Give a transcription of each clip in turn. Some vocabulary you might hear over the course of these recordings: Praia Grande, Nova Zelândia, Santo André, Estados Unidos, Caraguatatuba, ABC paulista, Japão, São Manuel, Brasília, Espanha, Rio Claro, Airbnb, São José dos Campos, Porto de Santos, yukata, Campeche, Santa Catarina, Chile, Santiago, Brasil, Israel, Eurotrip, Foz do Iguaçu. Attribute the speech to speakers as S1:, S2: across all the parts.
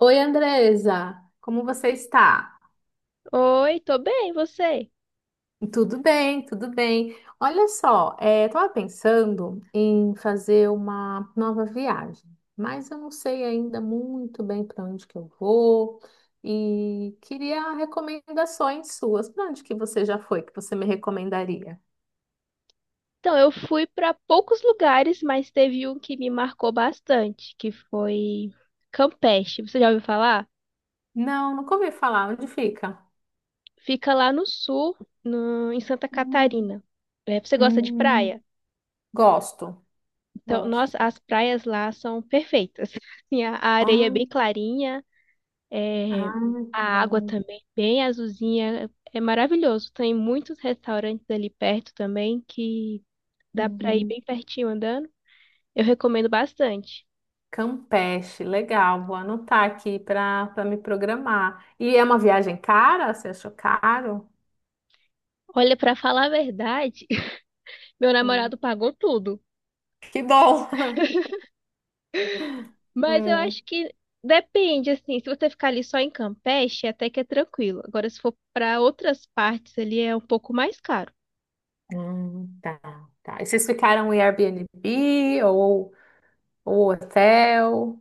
S1: Oi, Andresa, como você está?
S2: Oi, tô bem, e você?
S1: Tudo bem, tudo bem. Olha só, estava pensando em fazer uma nova viagem, mas eu não sei ainda muito bem para onde que eu vou e queria recomendações suas. Para onde que você já foi que você me recomendaria?
S2: Então, eu fui para poucos lugares, mas teve um que me marcou bastante, que foi Campeche. Você já ouviu falar?
S1: Não, nunca ouvi falar. Onde fica?
S2: Fica lá no sul, em Santa
S1: Hum,
S2: Catarina. É, você gosta de praia?
S1: hum. Gosto,
S2: Então,
S1: gosto.
S2: nossa, as praias lá são perfeitas. Assim, a areia é
S1: Ah,
S2: bem clarinha,
S1: ah,
S2: é, a
S1: que
S2: água
S1: bom.
S2: também bem azulzinha. É maravilhoso. Tem muitos restaurantes ali perto também que dá para ir
S1: Uhum.
S2: bem pertinho andando. Eu recomendo bastante.
S1: Campeche, legal, vou anotar aqui para me programar. E é uma viagem cara? Você achou caro?
S2: Olha, pra falar a verdade, meu
S1: Hum.
S2: namorado pagou tudo.
S1: Que bom!
S2: Mas eu
S1: Hum,
S2: acho que depende, assim, se você ficar ali só em Campeche, até que é tranquilo. Agora, se for pra outras partes ali, é um pouco mais caro.
S1: tá, tá. E vocês ficaram em Airbnb ou hotel?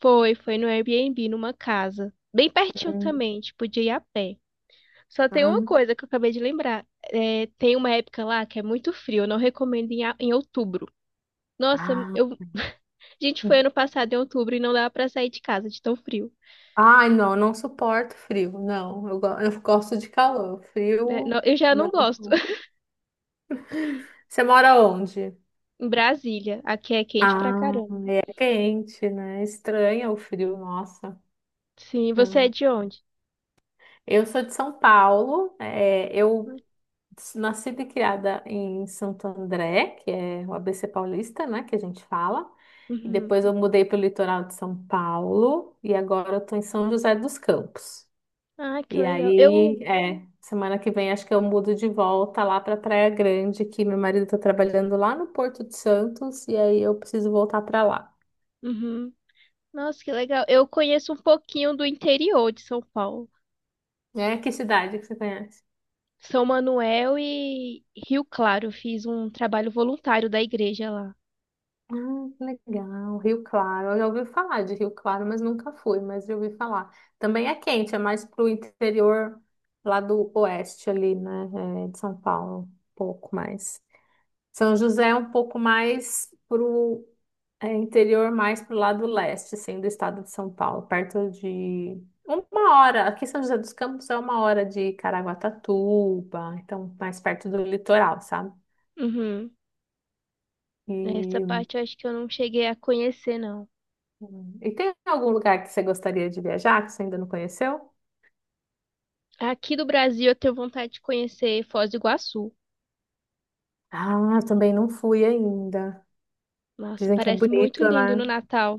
S2: Foi no Airbnb, numa casa. Bem pertinho
S1: Hum,
S2: também, tipo, podia ir a pé. Só tem
S1: ah,
S2: uma coisa que eu acabei de lembrar. É, tem uma época lá que é muito frio, eu não recomendo em, em outubro. Nossa,
S1: ah.
S2: eu, a gente foi ano passado em outubro e não dava pra sair de casa de tão frio.
S1: Ai, não, não suporto frio, não. Eu gosto de calor.
S2: Né?
S1: Frio,
S2: Eu já não gosto.
S1: não. Você mora onde?
S2: Em Brasília. Aqui é quente pra
S1: Ah,
S2: caramba.
S1: é quente, né? Estranha o frio, nossa.
S2: Sim, você é de onde?
S1: Eu sou de São Paulo, eu nasci e criada em Santo André, que é o ABC paulista, né, que a gente fala. E
S2: Uhum.
S1: depois eu mudei para o litoral de São Paulo e agora eu tô em São José dos Campos.
S2: Ah, que
S1: E
S2: legal. Eu.
S1: aí, semana que vem acho que eu mudo de volta lá para Praia Grande, que meu marido está trabalhando lá no Porto de Santos e aí eu preciso voltar para lá.
S2: Uhum. Nossa, que legal. Eu conheço um pouquinho do interior de São Paulo.
S1: É, que cidade que você conhece?
S2: São Manuel e Rio Claro. Fiz um trabalho voluntário da igreja lá.
S1: Ah, que legal. Rio Claro. Eu já ouvi falar de Rio Claro, mas nunca fui, mas já ouvi falar. Também é quente, é mais pro interior lá do oeste ali, né? De São Paulo, um pouco mais. São José é um pouco mais pro interior, mais pro lado leste, assim, do estado de São Paulo, perto de uma hora. Aqui em São José dos Campos é uma hora de Caraguatatuba, então mais perto do litoral, sabe?
S2: Uhum. Essa
S1: e
S2: parte eu acho que eu não cheguei a conhecer, não.
S1: E tem algum lugar que você gostaria de viajar que você ainda não conheceu?
S2: Aqui do Brasil eu tenho vontade de conhecer Foz do Iguaçu.
S1: Ah, também não fui ainda.
S2: Nossa,
S1: Dizem que é
S2: parece
S1: bonito,
S2: muito lindo no
S1: né?
S2: Natal.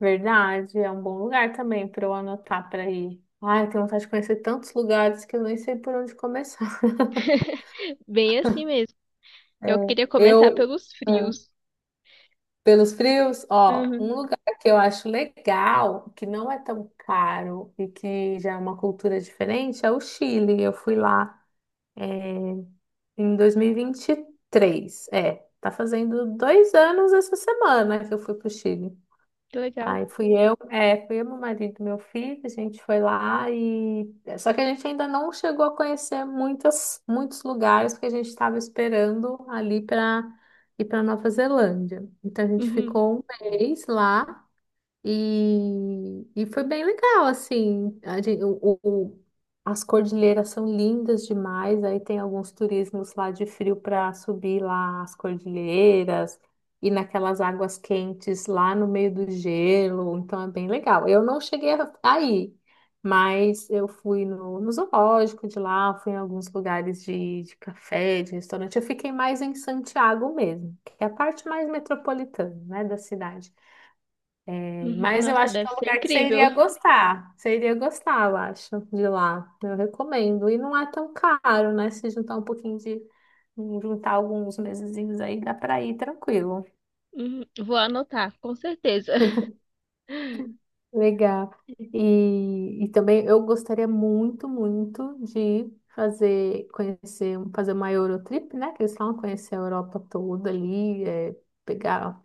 S1: Verdade, é um bom lugar também para eu anotar para ir. Ai, eu tenho vontade de conhecer tantos lugares que eu nem sei por onde começar.
S2: Bem assim mesmo. Eu
S1: É,
S2: queria começar
S1: eu,
S2: pelos
S1: é,
S2: frios.
S1: pelos frios, ó, um lugar que eu acho legal, que não é tão caro e que já é uma cultura diferente, é o Chile. Eu fui lá. é, Em dois mil e vinte e três, é. Tá fazendo dois anos essa semana que eu fui pro Chile.
S2: Que legal.
S1: Aí fui eu, meu marido, meu filho, a gente foi lá e... Só que a gente ainda não chegou a conhecer muitas, muitos lugares porque a gente estava esperando ali para ir para Nova Zelândia. Então a gente
S2: Uhum,
S1: ficou um mês lá e foi bem legal, assim. A gente, o- as cordilheiras são lindas demais. Aí tem alguns turismos lá de frio para subir lá as cordilheiras e naquelas águas quentes lá no meio do gelo. Então é bem legal. Eu não cheguei aí, mas eu fui no zoológico de lá, fui em alguns lugares de café, de restaurante. Eu fiquei mais em Santiago mesmo, que é a parte mais metropolitana, né, da cidade.
S2: uhum.
S1: Mas eu
S2: Nossa,
S1: acho que é
S2: deve
S1: um
S2: ser
S1: lugar que você
S2: incrível.
S1: iria gostar. Você iria gostar, eu acho, de lá. Eu recomendo. E não é tão caro, né? Se juntar um pouquinho de. Juntar alguns mesezinhos aí, dá pra ir tranquilo.
S2: Uhum, vou anotar, com certeza.
S1: Legal. E também eu gostaria muito, muito de fazer, conhecer, fazer uma Eurotrip, né? Que eles falam conhecer a Europa toda ali, pegar,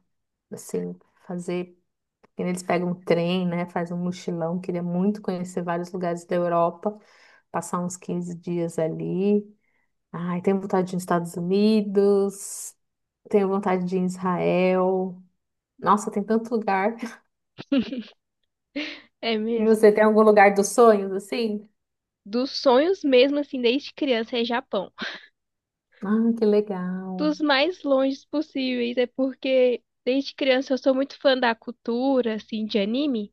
S1: assim, fazer. Eles pegam um trem, né? Faz um mochilão. Queria muito conhecer vários lugares da Europa. Passar uns 15 dias ali. Ai, tenho vontade de ir nos Estados Unidos. Tenho vontade de ir em Israel. Nossa, tem tanto lugar.
S2: É
S1: E
S2: mesmo.
S1: você tem algum lugar dos sonhos assim?
S2: Dos sonhos mesmo, assim, desde criança é Japão.
S1: Ah, que legal.
S2: Dos mais longes possíveis, é porque desde criança eu sou muito fã da cultura, assim, de anime.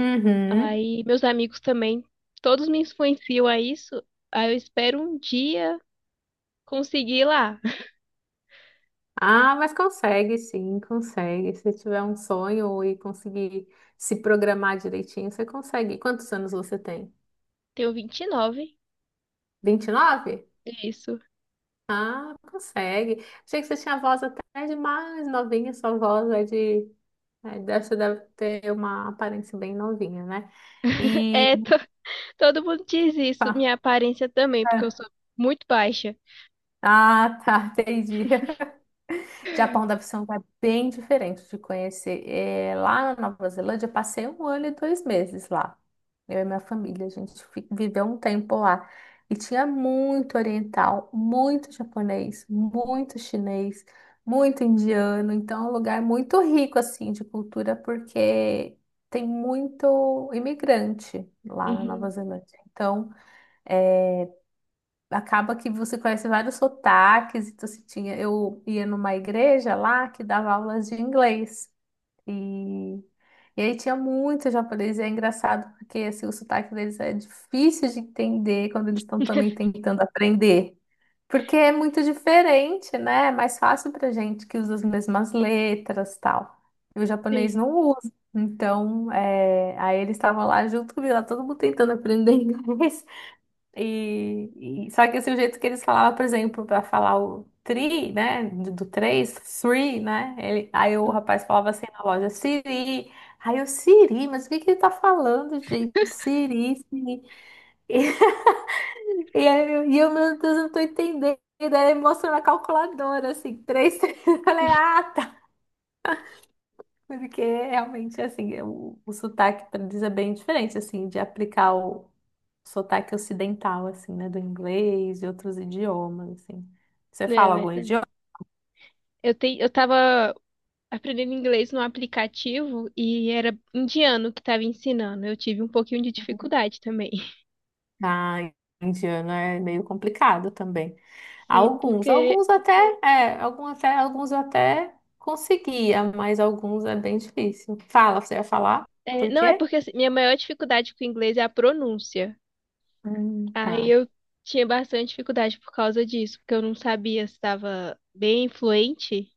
S1: Uhum.
S2: Aí meus amigos também, todos me influenciam a isso. Aí eu espero um dia conseguir ir lá.
S1: Ah, mas consegue sim, consegue. Se tiver um sonho e conseguir se programar direitinho, você consegue. Quantos anos você tem?
S2: Tenho 29,
S1: 29?
S2: é isso.
S1: Ah, consegue. Achei que você tinha voz até de mais novinha, sua voz é de. É, dessa deve ter uma aparência bem novinha, né? E.
S2: É, todo mundo diz isso.
S1: Pá,
S2: Minha aparência também, porque eu
S1: é.
S2: sou muito baixa.
S1: Ah, tá, entendi. Japão deve ser um lugar bem diferente de conhecer. É, lá na Nova Zelândia, eu passei um ano e dois meses lá. Eu e minha família, a gente viveu um tempo lá. E tinha muito oriental, muito japonês, muito chinês, muito indiano. Então, é um lugar muito rico, assim, de cultura, porque tem muito imigrante lá na Nova
S2: Uhum.
S1: Zelândia. Então, acaba que você conhece vários sotaques. Então, assim, tinha, eu ia numa igreja lá que dava aulas de inglês. E, e aí tinha muito japonês. E é engraçado porque assim, o sotaque deles é difícil de entender quando eles estão também tentando aprender. Porque é muito diferente, né? É mais fácil pra gente que usa as mesmas letras tal. E o japonês
S2: Sim.
S1: não usa. Então, aí eles estavam lá junto comigo, lá todo mundo tentando aprender inglês. Só que assim, o jeito que eles falavam, por exemplo, para falar o tri, né, do três, three, né, ele, aí o rapaz falava assim na loja, Siri, aí eu, Siri, mas o que que ele tá falando, gente? Siri, Siri. E, aí eu, meu Deus, eu não tô entendendo. E daí ele mostrou na calculadora, assim, três, três, eu falei, ah, tá. Porque realmente, assim, o sotaque diz é bem diferente, assim, de aplicar o sotaque ocidental, assim, né? Do inglês e outros idiomas, assim. Você
S2: É
S1: fala algum
S2: verdade.
S1: idioma?
S2: Eu tava aprendendo inglês no aplicativo e era indiano que tava ensinando. Eu tive um pouquinho de dificuldade também.
S1: Ah, indiano é meio complicado também.
S2: Sim,
S1: Alguns,
S2: porque.
S1: alguns até, algum até, alguns eu até conseguia, mas alguns é bem difícil. Fala, você ia falar?
S2: É,
S1: Por
S2: não, é
S1: quê?
S2: porque assim, minha maior dificuldade com o inglês é a pronúncia.
S1: Tá.
S2: Aí eu tinha bastante dificuldade por causa disso, porque eu não sabia se estava bem fluente,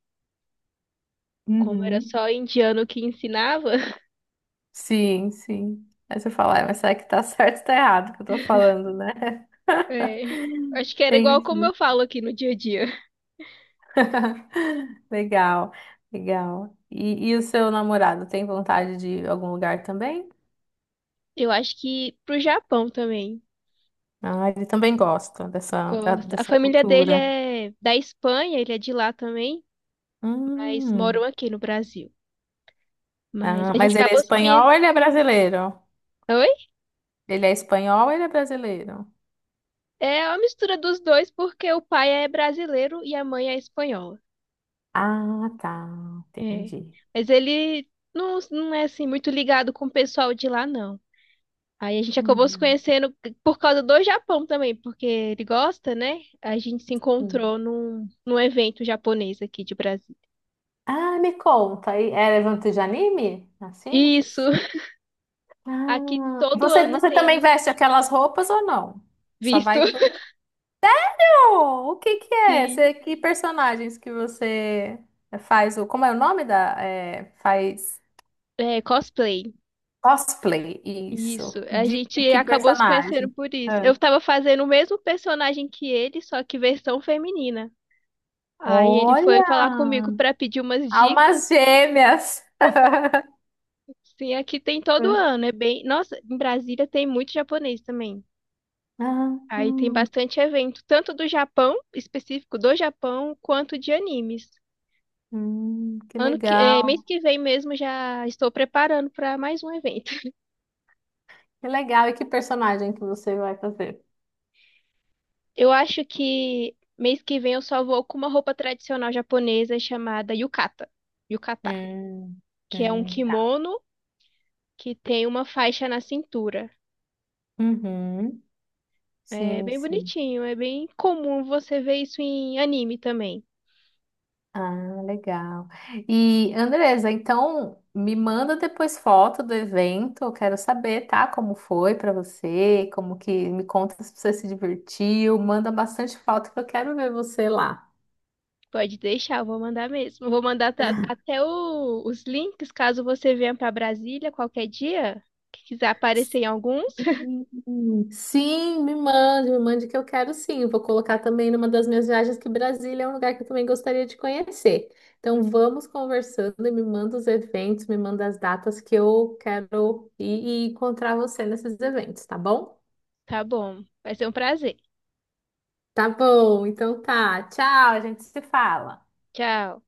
S2: como era
S1: Uhum.
S2: só indiano que ensinava.
S1: Sim, sim. Aí você fala, "É, mas será que tá certo ou tá errado o que eu tô falando, né?
S2: É, acho que era igual como
S1: Entendi.
S2: eu falo aqui no dia a dia.
S1: Legal, legal. E o seu namorado tem vontade de ir a algum lugar também?
S2: Eu acho que pro Japão também.
S1: Ah, ele também
S2: É.
S1: gosta dessa, da-
S2: Gosta. A
S1: dessa
S2: família dele
S1: cultura.
S2: é da Espanha, ele é de lá também, mas moram
S1: Hum,
S2: aqui no Brasil. Mas
S1: ah,
S2: a gente
S1: mas ele é
S2: acabou se
S1: espanhol
S2: conhecendo.
S1: ou ele é brasileiro?
S2: Oi?
S1: Ele é espanhol ou ele é brasileiro?
S2: É uma mistura dos dois, porque o pai é brasileiro e a mãe é espanhola.
S1: Ah, tá,
S2: É.
S1: entendi.
S2: Mas ele não é assim muito ligado com o pessoal de lá, não. Aí a gente acabou se
S1: Uhum.
S2: conhecendo por causa do Japão também, porque ele gosta, né? A gente se encontrou num evento japonês aqui de Brasil.
S1: Ah, me conta, e é evento de anime? Assim,
S2: Isso,
S1: essas?
S2: aqui
S1: Ah,
S2: todo
S1: você,
S2: ano
S1: você também
S2: tem
S1: veste aquelas roupas ou não? Só
S2: visto.
S1: vai. Oh, o que que é?
S2: Sim.
S1: Você, que personagens que você faz? Como é o nome da? Faz
S2: É, cosplay.
S1: cosplay, isso.
S2: Isso. A
S1: De
S2: gente
S1: que
S2: acabou se conhecendo
S1: personagem?
S2: por isso.
S1: Ah.
S2: Eu tava fazendo o mesmo personagem que ele, só que versão feminina. Aí ele foi
S1: Olha!
S2: falar comigo pra pedir umas dicas
S1: Almas
S2: e
S1: gêmeas!
S2: sim, aqui tem todo ano, é bem, nossa, em Brasília tem muito japonês também.
S1: Ah,
S2: Aí tem
S1: hum,
S2: bastante evento, tanto do Japão, específico do Japão, quanto de animes.
S1: que legal,
S2: Mês que vem mesmo já estou preparando para mais um evento.
S1: que legal. E que personagem que você vai fazer?
S2: Eu acho que mês que vem eu só vou com uma roupa tradicional japonesa chamada yukata,
S1: Hum,
S2: que é um
S1: tá.
S2: kimono que tem uma faixa na cintura.
S1: Uhum,
S2: É
S1: sim,
S2: bem
S1: sim.
S2: bonitinho, é bem comum você ver isso em anime também.
S1: Ah, legal. E Andresa, então me manda depois foto do evento, eu quero saber, tá? Como foi pra você, como que me conta se você se divertiu, manda bastante foto que eu quero ver você lá.
S2: Pode deixar, eu vou mandar mesmo. Eu vou mandar até os links caso você venha para Brasília qualquer dia, que quiser aparecer em alguns.
S1: Sim, sim, me mande que eu quero sim. Eu vou colocar também numa das minhas viagens que Brasília é um lugar que eu também gostaria de conhecer. Então vamos conversando e me manda os eventos, me manda as datas que eu quero ir e encontrar você nesses eventos, tá bom?
S2: Tá bom, vai ser um prazer.
S1: Tá bom, então tá. Tchau, a gente se fala.
S2: Tchau.